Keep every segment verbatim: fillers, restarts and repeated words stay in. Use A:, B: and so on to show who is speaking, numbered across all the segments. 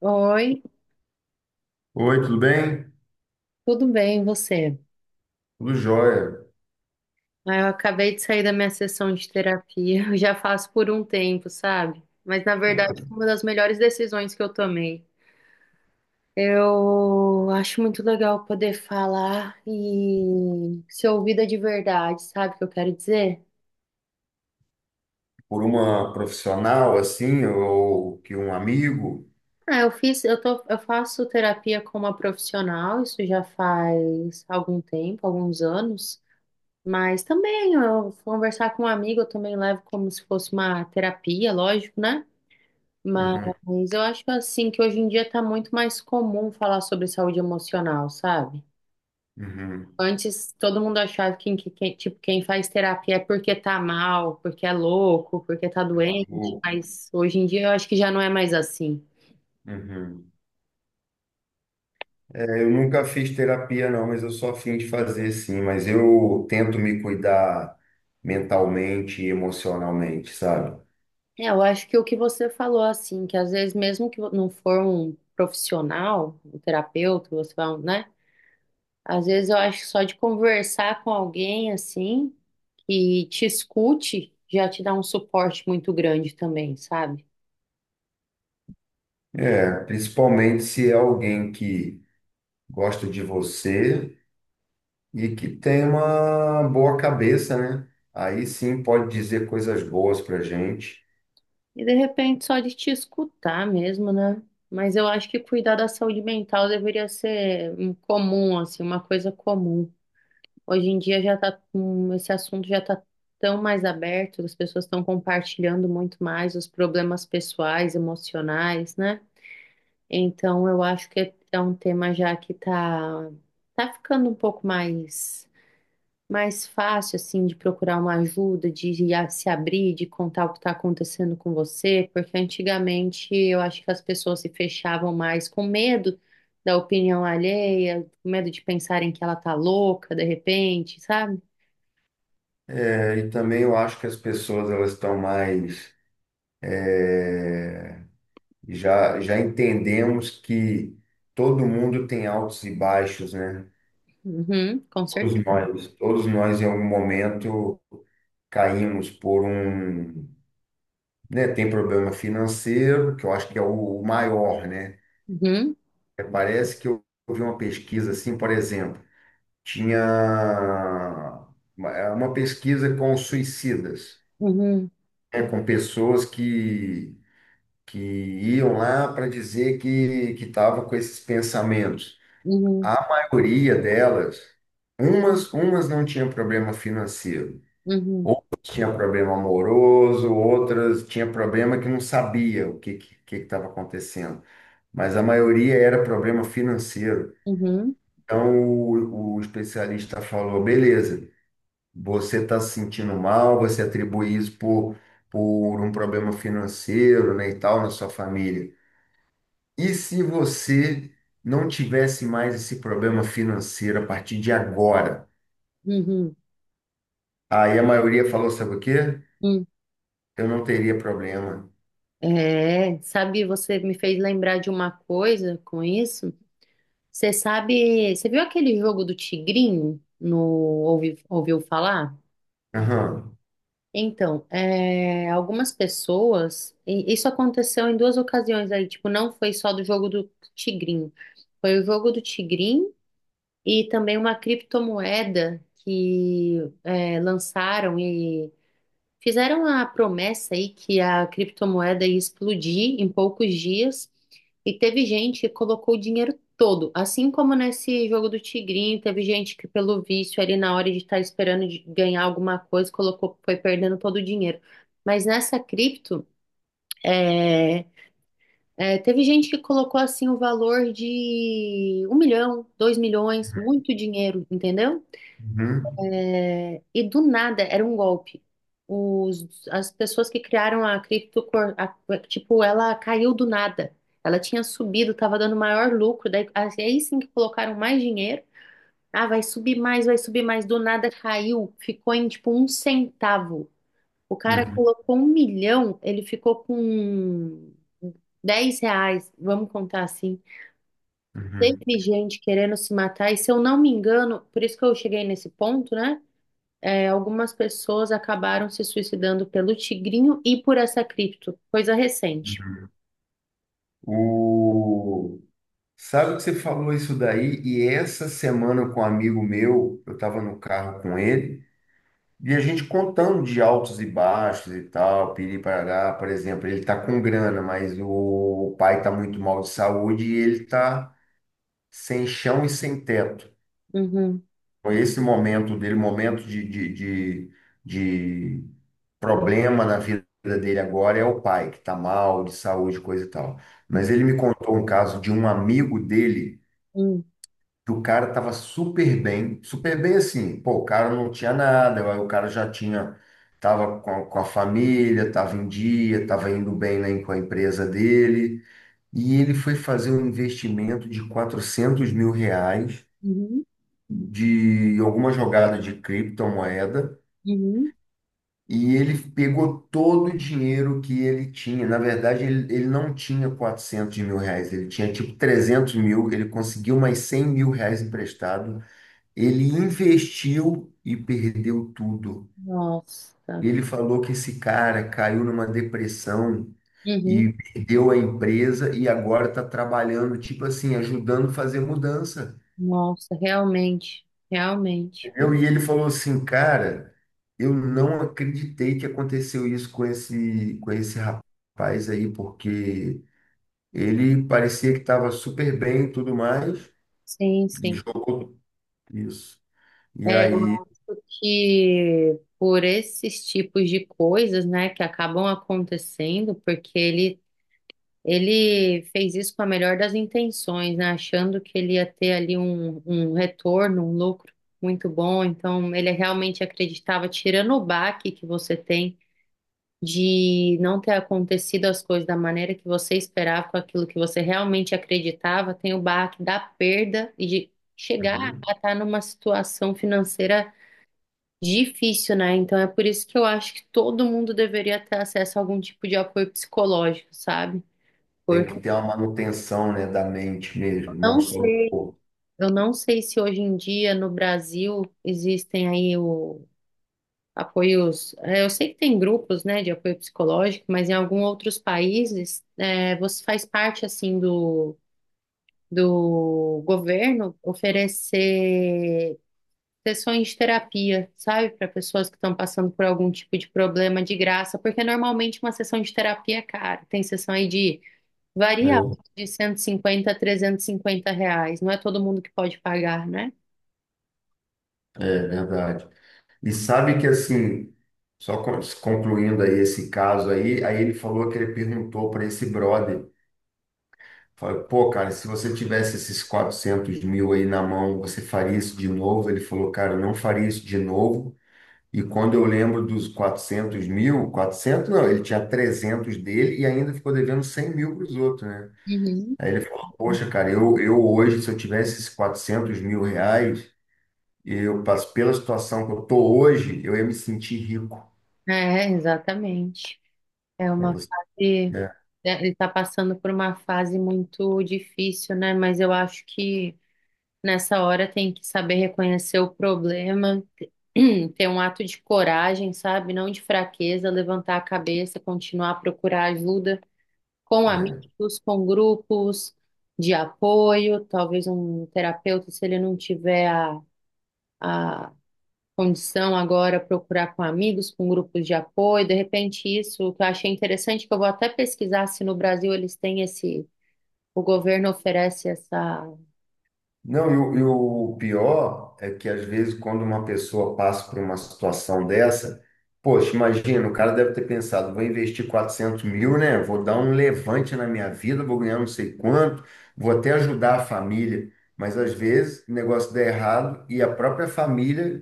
A: Oi,
B: Oi, tudo bem?
A: tudo bem, e você?
B: Tudo jóia.
A: Ah, eu acabei de sair da minha sessão de terapia, eu já faço por um tempo, sabe? Mas na verdade foi uma das melhores decisões que eu tomei. Eu acho muito legal poder falar e ser ouvida de verdade, sabe o que eu quero dizer?
B: Por uma profissional assim, ou que um amigo?
A: Ah, eu fiz, eu tô, eu faço terapia com uma profissional, isso já faz algum tempo, alguns anos. Mas também, eu conversar com um amigo, eu também levo como se fosse uma terapia, lógico, né?
B: Uhum,
A: Mas eu acho assim que hoje em dia tá muito mais comum falar sobre saúde emocional, sabe?
B: uhum.
A: Antes todo mundo achava que, que- que- tipo, quem faz terapia é porque tá mal, porque é louco, porque tá
B: Tá
A: doente,
B: maluco?
A: mas hoje em dia eu acho que já não é mais assim.
B: Uhum. É, eu nunca fiz terapia, não, mas eu sou afim de fazer sim. Mas eu tento me cuidar mentalmente e emocionalmente, sabe?
A: É, eu acho que o que você falou assim, que às vezes mesmo que não for um profissional, um terapeuta, você vai, né? Às vezes eu acho que só de conversar com alguém assim e te escute, já te dá um suporte muito grande também, sabe?
B: É, principalmente se é alguém que gosta de você e que tem uma boa cabeça, né? Aí sim pode dizer coisas boas pra gente.
A: E de repente só de te escutar mesmo, né? Mas eu acho que cuidar da saúde mental deveria ser um comum, assim, uma coisa comum. Hoje em dia já tá, com- esse assunto já tá tão mais aberto, as pessoas estão compartilhando muito mais os problemas pessoais, emocionais, né? Então eu acho que é é um tema já que tá, tá ficando um pouco mais mais fácil, assim, de procurar uma ajuda, de ir a- se abrir, de contar o que está acontecendo com você, porque antigamente eu acho que as pessoas se fechavam mais com medo da opinião alheia, com medo de pensarem que ela tá louca de repente, sabe?
B: É, e também eu acho que as pessoas elas estão mais é, já já entendemos que todo mundo tem altos e baixos, né?
A: Uhum, com
B: Todos
A: certeza.
B: nós, todos nós em algum momento caímos por um, né? Tem problema financeiro, que eu acho que é o o maior, né?
A: Uhum,
B: É, parece que eu eu vi uma pesquisa assim, por exemplo, tinha uma é, uma pesquisa com suicidas,
A: uhum,
B: né? Com pessoas que que iam lá para dizer que que estava com esses pensamentos.
A: uhum,
B: A maioria delas, umas umas não tinha problema financeiro,
A: uhum,
B: outras tinha problema amoroso, outras tinha problema que não sabia o que que estava acontecendo, mas a maioria era problema financeiro.
A: uhum,
B: Então o, o especialista falou, beleza, você está se sentindo mal, você atribui isso por por um problema financeiro, né, e tal na sua família. E se você não tivesse mais esse problema financeiro a partir de agora?
A: uhum,
B: Aí a maioria falou, sabe o quê?
A: uhum.
B: Eu não teria problema.
A: É, sabe, você me fez lembrar de uma coisa com isso. Você sabe, você viu aquele jogo do Tigrinho? No, ouvi- ouviu falar?
B: Aham.
A: Então, é, algumas pessoas, e isso aconteceu em duas ocasiões aí, tipo, não foi só do jogo do Tigrinho, foi o jogo do Tigrinho e também uma criptomoeda que é, lançaram. Fizeram a promessa aí que a criptomoeda ia explodir em poucos dias e teve gente que colocou o dinheiro todo, assim como nesse jogo do Tigrinho, teve gente que pelo vício ali na hora de estar esperando de ganhar alguma coisa, colocou, foi perdendo todo o dinheiro. Mas nessa cripto, é, é, teve gente que colocou assim o valor de um milhão, dois milhões, muito dinheiro, entendeu?
B: Uhum.
A: E do nada era um golpe. Os, as pessoas que criaram a cripto, a- tipo, ela caiu do nada. Ela tinha subido, estava dando maior lucro. Daí, assim, aí sim que colocaram mais dinheiro. Ah, vai subir mais, vai subir mais. Do nada caiu, ficou em tipo um centavo. O cara
B: Uhum.
A: colocou um milhão, ele ficou com dez reais, vamos contar assim.
B: Uhum.
A: Teve gente querendo se matar, e se eu não me engano, por isso que eu cheguei nesse ponto, né? é, algumas pessoas acabaram se suicidando pelo tigrinho e por essa cripto, coisa recente.
B: Uhum. O... Sabe que você falou isso daí? E essa semana com um amigo meu, eu estava no carro com ele, e a gente contando de altos e baixos e tal, piri-parará, por exemplo, ele está com grana, mas o pai está muito mal de saúde e ele está sem chão e sem teto.
A: Uhum,
B: Foi esse momento dele, momento de, de, de, de problema na vida dele agora é o pai, que está mal, de saúde, coisa e tal. Mas ele me contou um caso de um amigo dele,
A: uhum,
B: que o cara estava super bem, super bem assim, pô, o cara não tinha nada, aí o cara já tinha, estava com, a- com a família, estava em dia, estava indo bem né, com a empresa dele, e ele foi fazer um investimento de quatrocentos mil reais
A: uhum,
B: de alguma jogada de criptomoeda
A: uhum.
B: e ele pegou todo o dinheiro que ele tinha. Na verdade, ele, ele não tinha quatrocentos mil reais, ele tinha tipo trezentos mil. Ele conseguiu mais cem mil reais emprestado. Ele investiu e perdeu tudo.
A: Nossa,
B: Ele falou que esse cara caiu numa depressão.
A: uhum.
B: E perdeu a empresa e agora está trabalhando, tipo assim, ajudando a fazer mudança.
A: Nossa, realmente, realmente.
B: Eu, e ele falou assim, cara, eu não acreditei que aconteceu isso com esse, com esse rapaz aí, porque ele parecia que estava super bem e tudo mais,
A: Sim,
B: e
A: sim.
B: jogou isso. E
A: É, eu
B: aí.
A: acho que por esses tipos de coisas, né, que acabam acontecendo, porque ele Ele fez isso com a melhor das intenções, né? Achando que ele ia ter ali um, um retorno, um lucro muito bom. Então, ele realmente acreditava, tirando o baque que você tem de não ter acontecido as coisas da maneira que você esperava, com aquilo que você realmente acreditava, tem o baque da perda e de chegar
B: Uhum.
A: a estar numa situação financeira difícil, né? Então, é por isso que eu acho que todo mundo deveria ter acesso a algum tipo de apoio psicológico, sabe?
B: Tem que ter
A: Porque
B: uma manutenção, né, da mente mesmo, não
A: não
B: só do
A: sei
B: corpo.
A: Eu não sei se hoje em dia no Brasil existem aí o apoios. é, Eu sei que tem grupos, né, de apoio psicológico, mas em alguns outros países é, você faz parte assim do, do governo oferecer sessões de terapia, sabe, para pessoas que estão passando por algum tipo de problema de graça, porque normalmente uma sessão de terapia é cara. Tem sessão aí de
B: Né?
A: varia de cento e cinquenta a trezentos e cinquenta reais. Não é todo mundo que pode pagar, né?
B: É verdade. E sabe que assim, só con- concluindo aí esse caso aí, aí ele falou que ele perguntou para esse brother. Falei, pô, cara, se você tivesse esses quatrocentos mil aí na mão, você faria isso de novo? Ele falou, cara, eu não faria isso de novo. E quando eu lembro dos quatrocentos mil, quatrocentos não, ele tinha trezentos dele e ainda ficou devendo cem mil para os outros, né?
A: Uhum.
B: Aí ele falou, poxa, cara, eu, eu hoje, se eu tivesse esses quatrocentos mil reais, eu passo pela situação que eu tô hoje, eu ia me sentir rico.
A: É, exatamente. É
B: Pra
A: uma
B: você,
A: fase,
B: né?
A: né? Ele está passando por uma fase muito difícil, né? Mas eu acho que nessa hora tem que saber reconhecer o problema, ter um ato de coragem, sabe? Não de fraqueza, levantar a cabeça, continuar a procurar ajuda com
B: É.
A: amigos, com grupos de apoio, talvez um terapeuta, se ele não tiver a, a condição agora procurar com amigos, com grupos de apoio. De repente, isso que eu achei interessante, que eu vou até pesquisar se no Brasil eles têm esse, o governo oferece essa.
B: Não, e o, e o pior é que às vezes quando uma pessoa passa por uma situação dessa, poxa, imagina, o cara deve ter pensado, vou investir quatrocentos mil, né? Vou dar um levante na minha vida, vou ganhar não sei quanto, vou até ajudar a família. Mas às vezes o negócio dá errado e a própria família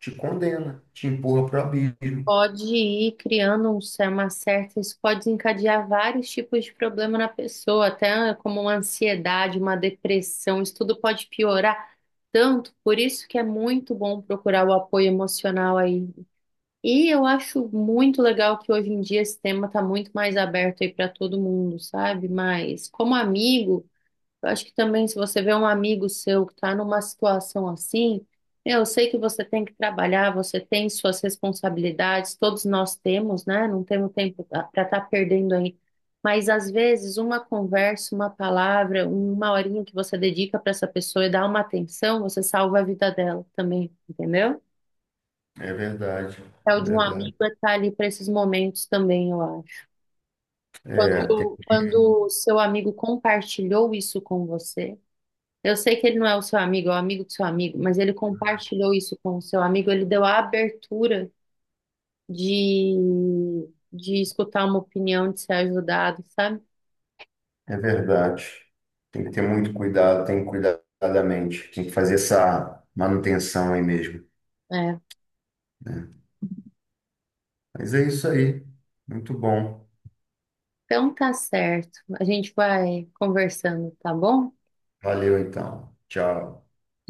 B: te condena, te empurra para o abismo.
A: Pode ir criando um, cer- uma certa, isso pode desencadear vários tipos de problema na pessoa, até como uma ansiedade, uma depressão, isso tudo pode piorar tanto, por isso que é muito bom procurar o apoio emocional aí. E eu acho muito legal que hoje em dia esse tema está muito mais aberto aí para todo mundo, sabe? Mas como amigo, eu acho que também se você vê um amigo seu que está numa situação assim, eu sei que você tem que trabalhar, você tem suas responsabilidades, todos nós temos, né? Não temos tempo para estar perdendo aí. Mas às vezes uma conversa, uma palavra, uma horinha que você dedica para essa pessoa e dá uma atenção, você salva a vida dela também, entendeu?
B: É verdade,
A: É
B: é
A: o de um
B: verdade.
A: amigo é estar ali para esses momentos também, eu acho.
B: É,
A: Quando, quando o seu amigo compartilhou isso com você, eu sei que ele não é o seu amigo, é o amigo do seu amigo, mas ele compartilhou isso com o seu amigo, ele deu a abertura de, de escutar uma opinião, de ser ajudado, sabe?
B: É verdade. Tem que ter muito cuidado, tem que cuidar da mente, tem que fazer essa manutenção aí mesmo,
A: É.
B: né? Mas é isso aí. Muito bom.
A: Então tá certo. A gente vai conversando, tá bom?
B: Valeu então. Tchau.